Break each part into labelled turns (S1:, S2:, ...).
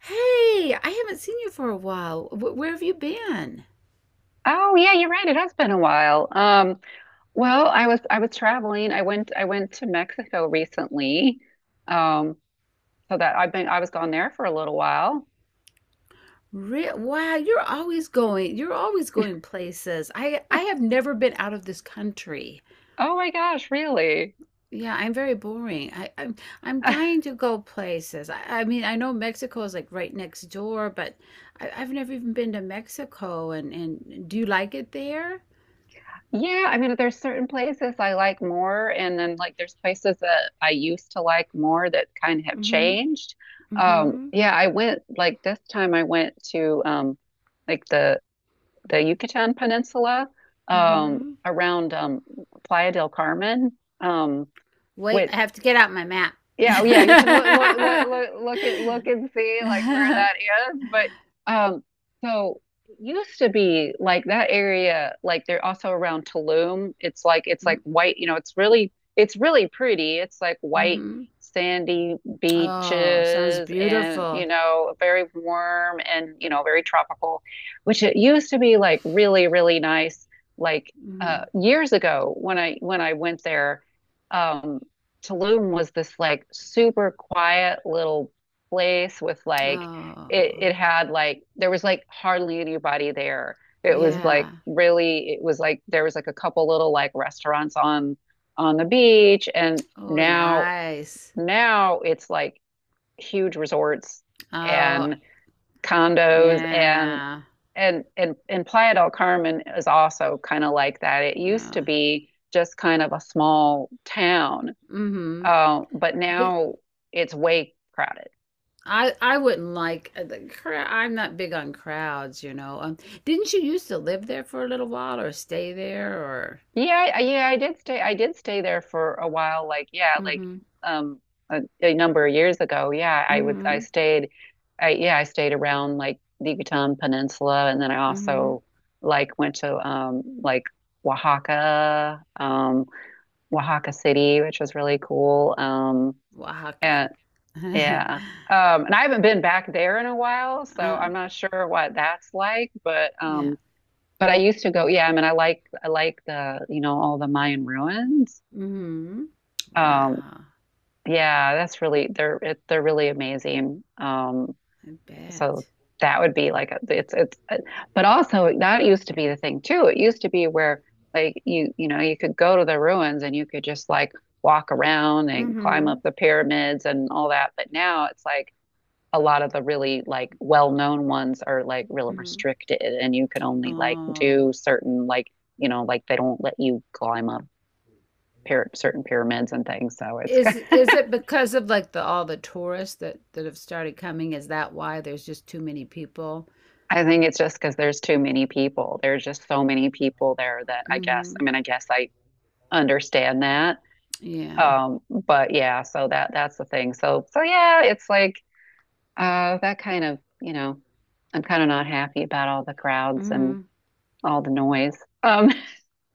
S1: Hey, I haven't seen you for a while. Where have you been?
S2: Oh yeah, you're right. It has been a while. Well, I was traveling. I went to Mexico recently. Um, so that I was gone there for a little while.
S1: Wow, you're always going. You're always going places. I have never been out of this country.
S2: Oh my gosh, really?
S1: Yeah, I'm very boring. I'm I'm dying to go places. I mean, I know Mexico is like right next door, but I've never even been to Mexico. And do you like it there?
S2: Yeah, I mean there's certain places I like more and then like there's places that I used to like more that kind of have
S1: Mm-hmm.
S2: changed.
S1: Mm-hmm.
S2: Yeah, I went like this time I went to like the Yucatan Peninsula
S1: Mm-hmm.
S2: around Playa del Carmen, um,
S1: Wait,
S2: which
S1: I have to get out my map.
S2: yeah, yeah, you can look look look look look at look and see like where that is. But um so it used to be like that area, like they're also around Tulum. It's like white, you know, it's really pretty. It's like white
S1: Mm-hmm.
S2: sandy
S1: Oh, sounds
S2: beaches and you
S1: beautiful.
S2: know, very warm and you know, very tropical, which it used to be like really, really nice like
S1: Mhm.
S2: years ago when I went there. Um Tulum was this like super quiet little place with like it
S1: Oh,
S2: it had like there was like hardly anybody there. It was like
S1: yeah.
S2: really it was like there was like a couple little like restaurants on the beach and
S1: Oh,
S2: now
S1: nice.
S2: now it's like huge resorts
S1: Oh,
S2: and condos and
S1: yeah.
S2: and and and Playa del Carmen is also kind of like that. It used to
S1: Yeah.
S2: be just kind of a small town
S1: Mm hmm.
S2: but
S1: But
S2: now it's way crowded.
S1: I wouldn't like the crowd. I'm not big on crowds, Didn't you used to live there for a little while or stay there or?
S2: Yeah, I did stay. I did stay there for a while. Like, yeah, like
S1: Mm-hmm.
S2: um, a number of years ago. Yeah, I would. I
S1: Mm-hmm.
S2: stayed. I yeah, I stayed around like the Yucatan Peninsula, and then I
S1: Mm-hmm.
S2: also like went to like Oaxaca, Oaxaca City, which was really cool.
S1: Oaxaca.
S2: And yeah. And I haven't been back there in a while, so
S1: Uh,
S2: I'm not sure what that's like,
S1: yeah.
S2: but I used to go, yeah, I mean, I like the, you know, all the Mayan ruins.
S1: Mm-hmm.
S2: Um,
S1: Wow.
S2: yeah, that's really they're really amazing.
S1: I
S2: So
S1: bet.
S2: that would be like it's but also that used to be the thing too. It used to be where like you know, you could go to the ruins and you could just like walk around and climb up
S1: Mm-hmm.
S2: the pyramids and all that. But now it's like a lot of the really like well-known ones are like really
S1: Mm-hmm.
S2: restricted and you can only like
S1: Oh.
S2: do certain like you know like they don't let you climb up certain pyramids and things so it's
S1: Is it because of like the all the tourists that have started coming? Is that why there's just too many people?
S2: I think it's just because there's too many people there's just so many people there that I guess I
S1: Hmm.
S2: mean I guess I understand that
S1: Yeah.
S2: but yeah so that that's the thing so yeah it's like that kind of you know I'm kind of not happy about all the crowds and
S1: Hmm.
S2: all the noise um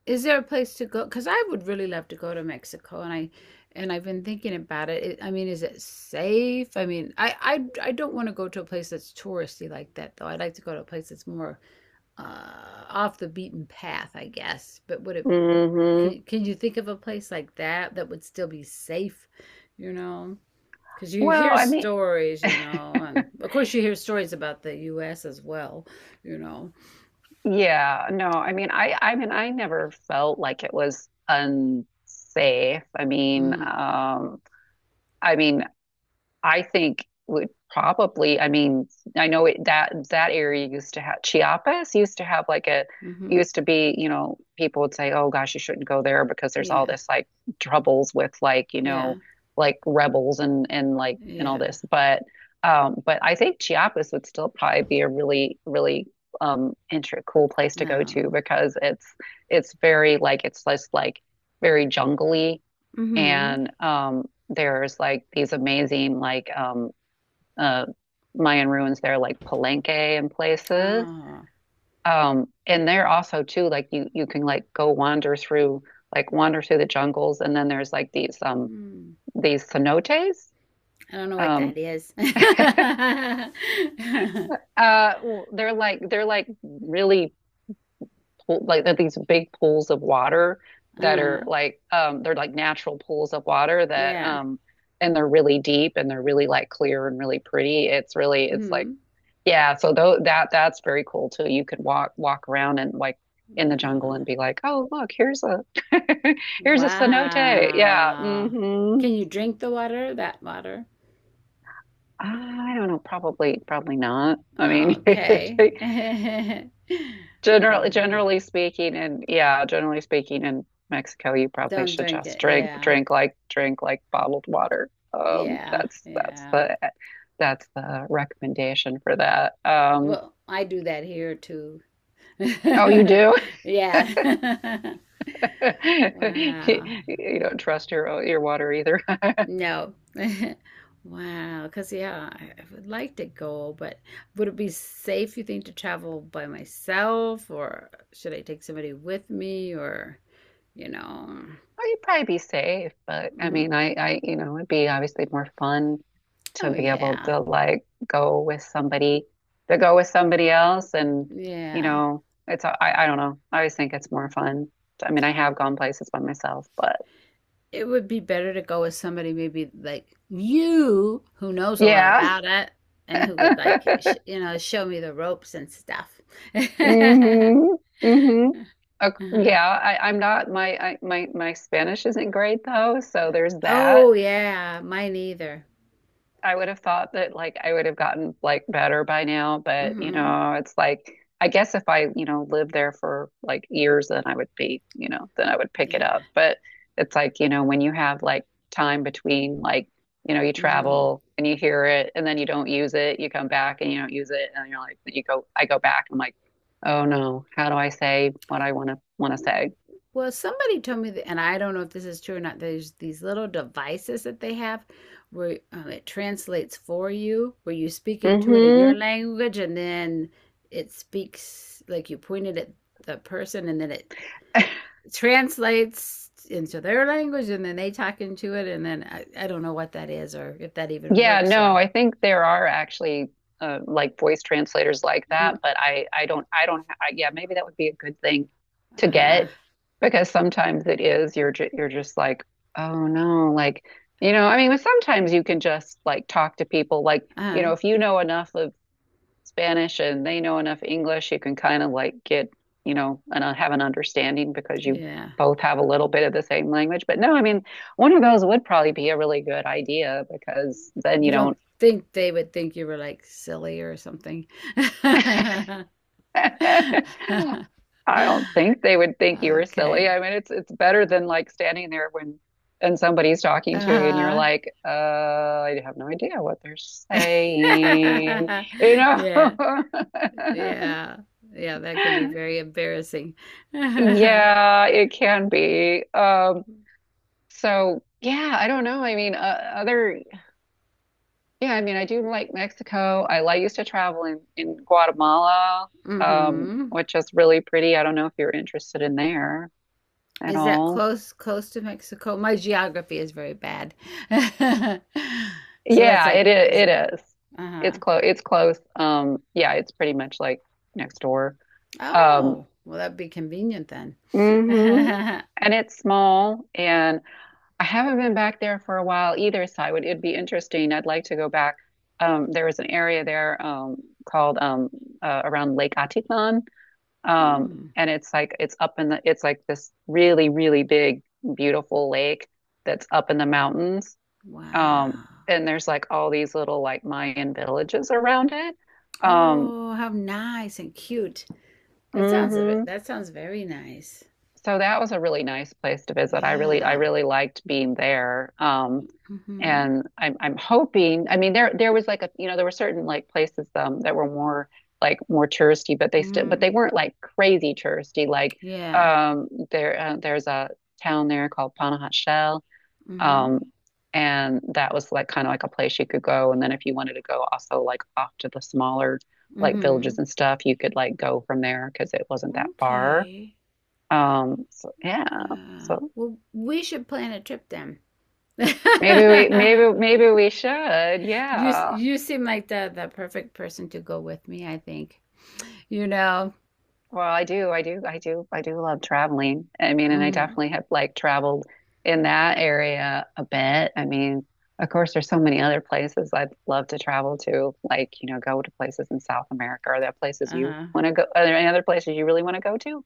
S1: Is there a place to go? Because I would really love to go to Mexico, and I and I've been thinking about it. I mean, is it safe? I mean, I don't want to go to a place that's touristy like that, though. I'd like to go to a place that's more off the beaten path, I guess. But would it?
S2: mhm
S1: Can you think of a place like that that would still be safe? You know, because you
S2: Well,
S1: hear
S2: I mean,
S1: stories, and of course you hear stories about the U.S. as well. You know.
S2: yeah, no, I mean, I mean, I never felt like it was unsafe. I mean,
S1: Mhm.
S2: I mean, I think would probably, I mean, that that area used to have Chiapas used to have like a
S1: Mhm.
S2: used to be, you know, people would say, "Oh gosh, you shouldn't go there because there's all
S1: Yeah.
S2: this like troubles with like, you
S1: Yeah.
S2: know, like rebels and like and all
S1: Yeah.
S2: this." But I think Chiapas would still probably be a really really inter cool place to go to
S1: Um.
S2: because it's very like it's just like very jungly
S1: Mhm.
S2: and there's like these amazing like uh Mayan ruins there like Palenque and places.
S1: Oh.
S2: And there also too like you can like go wander through like wander through the jungles and then there's like
S1: Hmm.
S2: these cenotes.
S1: I don't know what
S2: Um
S1: that is.
S2: uh they're like really pool, like they're these big pools of water that are
S1: Uh,
S2: like they're like natural pools of water that
S1: yeah.
S2: and they're really deep and they're really like clear and really pretty. It's really it's like
S1: Mhm.
S2: yeah, so though that that's very cool too. You could walk around and like in the jungle
S1: Wow.
S2: and be like, "Oh, look, here's a here's a cenote." Yeah.
S1: Wow.
S2: hmm
S1: Can you drink the water? That water?
S2: I don't know, probably probably not. I mean,
S1: Okay.
S2: it Generally,
S1: Wow.
S2: generally speaking, and yeah, generally speaking, in Mexico, you probably
S1: Don't
S2: should
S1: drink
S2: just
S1: it.
S2: drink,
S1: Yeah.
S2: drink like bottled water.
S1: Yeah. Yeah.
S2: That's the recommendation for that.
S1: Well, I do that here too.
S2: Oh, you do?
S1: Yeah. Wow.
S2: You don't trust your water either.
S1: No. Wow. Because, yeah, I would like to go, but would it be safe, you think, to travel by myself, or should I take somebody with me, or, you know?
S2: Well, you'd probably be safe, but I mean,
S1: Mhm.
S2: you know, it'd be obviously more fun to
S1: Oh,
S2: be able
S1: yeah.
S2: to like go with somebody, to go with somebody else, and you
S1: Yeah.
S2: know, it's, I don't know. I always think it's more fun. I mean, I have gone places by myself, but
S1: It would be better to go with somebody maybe like you who knows a lot
S2: yeah.
S1: about it and who could like sh you know show me the ropes and stuff.
S2: Mm-hmm. Mm-hmm. Uh,
S1: Uh-huh.
S2: yeah, I'm not my I, my Spanish isn't great though, so there's that.
S1: Oh yeah, mine either.
S2: I would have thought that like I would have gotten like better by now, but you
S1: Mhm.
S2: know, it's like I guess if I, you know, lived there for like years, then I would be, you know, then I would pick it
S1: Yeah.
S2: up. But it's like, you know, when you have like time between like, you know, you
S1: Mhm.
S2: travel and you hear it and then you don't use it, you come back and you don't use it and you're like you go I go back, and I'm like, oh no, how do I say what I wanna say?
S1: Well, somebody told me that, and I don't know if this is true or not. There's these little devices that they have where it translates for you, where you speak into it in your
S2: Hmm
S1: language, and then it speaks like you pointed at the person, and then it translates into their language, and then they talk into it, and then I don't know what that is or if that even
S2: Yeah,
S1: works
S2: no,
S1: or
S2: I think there are actually like voice translators like
S1: mm,
S2: that, but I don't I don't I, yeah, maybe that would be a good thing to
S1: uh-huh,
S2: get because sometimes it is you're just like, oh no, like you know, I mean, sometimes you can just like talk to people like, you
S1: uh-huh,
S2: know, if you know enough of Spanish and they know enough English, you can kind of like get, you know, and have an understanding because you
S1: yeah.
S2: both have a little bit of the same language. But no, I mean, one of those would probably be a really good idea because then
S1: You
S2: you
S1: don't
S2: don't,
S1: think they would think you were like silly or something.
S2: I don't think they would think you were silly.
S1: Okay.
S2: I mean, it's better than like standing there when and somebody's talking to you and you're
S1: Uh-huh.
S2: like, I have no idea what they're saying,
S1: Yeah.
S2: you know.
S1: Yeah. Yeah, that can be very embarrassing.
S2: Yeah, it can be. So yeah, I don't know. I mean, other yeah, I mean, I do like Mexico. I, like used to travel in Guatemala,
S1: Mhm.
S2: which is really pretty. I don't know if you're interested in there at
S1: Is that
S2: all.
S1: close close to Mexico? My geography is very bad. So that's like is
S2: It is. It's
S1: uh-huh.
S2: close. It's close. Yeah, it's pretty much like next door. Um,
S1: Oh, well that'd be convenient then.
S2: hmm And it's small, and I haven't been back there for a while either, so I would, it'd be interesting. I'd like to go back. There was an area there called around Lake Atitlan, um,
S1: Hmm.
S2: and it's like it's up in the it's like this really really big beautiful lake that's up in the mountains, um,
S1: Wow.
S2: and there's like all these little like Mayan villages around it. Um,
S1: Oh, how nice and cute. That sounds a
S2: mhm.
S1: bit, that sounds very nice.
S2: So that was a really nice place to visit. I
S1: Yeah.
S2: really liked being there.
S1: Mhm.
S2: And I'm hoping. I mean, there was like a you know there were certain like places that were more like more touristy, but they still but
S1: Mhm.
S2: they weren't like crazy touristy. Like
S1: Yeah.
S2: there there's a town there called Panajat Shell,
S1: Mhm.
S2: um, and that was like kind of like a place you could go. And then if you wanted to go also like off to the smaller like villages
S1: Mhm.
S2: and stuff, you could like go from there because it wasn't that far.
S1: Okay.
S2: So yeah,
S1: Wow.
S2: so
S1: Well, we should plan a trip then.
S2: maybe we maybe we should, yeah.
S1: You seem like the perfect person to go with me, I think. You know.
S2: Well, I do love traveling. I mean, and I
S1: Mhm.
S2: definitely have like traveled in that area a bit. I mean, of course, there's so many other places I'd love to travel to, like, you know, go to places in South America. Are there places you
S1: Uh-huh.
S2: want to go? Are there any other places you really want to go to?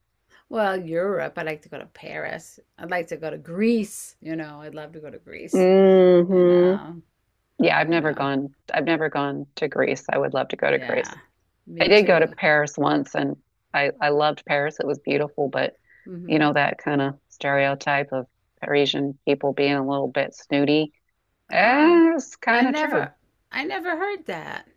S1: Well, Europe. I'd like to go to Paris. I'd like to go to Greece. You know, I'd love to go to Greece. You
S2: Hmm
S1: know.
S2: Yeah, I've
S1: You
S2: never
S1: know.
S2: gone. I've never gone to Greece. I would love to go to Greece.
S1: Yeah.
S2: I
S1: Me
S2: did go to
S1: too.
S2: Paris once and I loved Paris. It was beautiful, but you
S1: Mhm.
S2: know, that kind of stereotype of Parisian people being a little bit snooty,
S1: Oh,
S2: it's
S1: I
S2: kind of true.
S1: never I never heard that.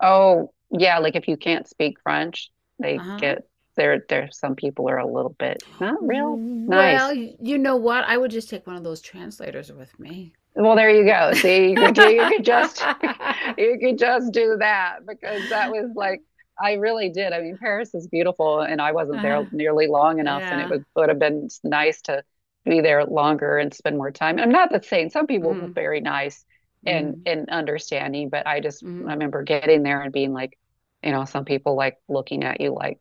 S2: Oh, yeah, like if you can't speak French, they
S1: Uh-huh.
S2: get there some people are a little bit not real
S1: Well,
S2: nice.
S1: you know what? I would just take one of those translators with me.
S2: Well, there you go. See, you could just you could just do that because that was like I really did. I mean, Paris is beautiful, and I wasn't there
S1: Uh-huh.
S2: nearly long enough, and it
S1: Yeah.
S2: would have been nice to be there longer and spend more time. I'm not the same. Some people were
S1: Mm-hmm.
S2: very nice
S1: Mm-hmm.
S2: and understanding, but
S1: Mm-hmm.
S2: I remember getting there and being like, you know, some people like looking at you like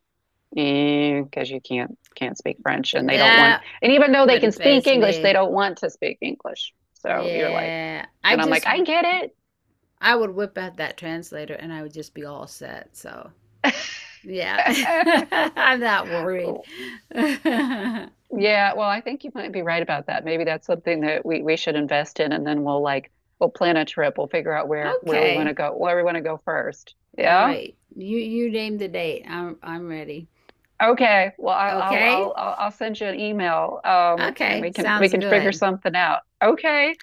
S2: because you can't speak French and they don't want it.
S1: That
S2: And even though they can
S1: wouldn't
S2: speak
S1: faze
S2: English, they
S1: me.
S2: don't want to speak English. So you're like,
S1: Yeah. I
S2: and I'm like,
S1: just,
S2: I get
S1: I would whip out that translator and I would just be all set. So, yeah.
S2: it.
S1: I'm not worried.
S2: Yeah, well, I think you might be right about that. Maybe that's something that we should invest in and then we'll like we'll plan a trip. We'll figure out where we want to
S1: Okay.
S2: go, where we want to go first.
S1: All
S2: Yeah.
S1: right. You name the date. I'm ready.
S2: Okay. Well, I'll I'll
S1: Okay?
S2: I'll I'll I'll send you an email and
S1: Okay.
S2: we
S1: Sounds
S2: can figure
S1: good.
S2: something out. Okay.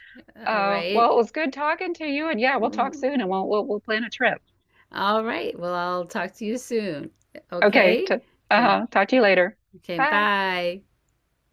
S1: All right.
S2: Well, it was good talking to you, and yeah, we'll talk
S1: Mm.
S2: soon, and we'll plan a trip.
S1: All right. Well, I'll talk to you soon.
S2: Okay,
S1: Okay?
S2: t
S1: Okay.
S2: uh-huh. Talk to you later.
S1: Okay.
S2: Bye.
S1: Bye.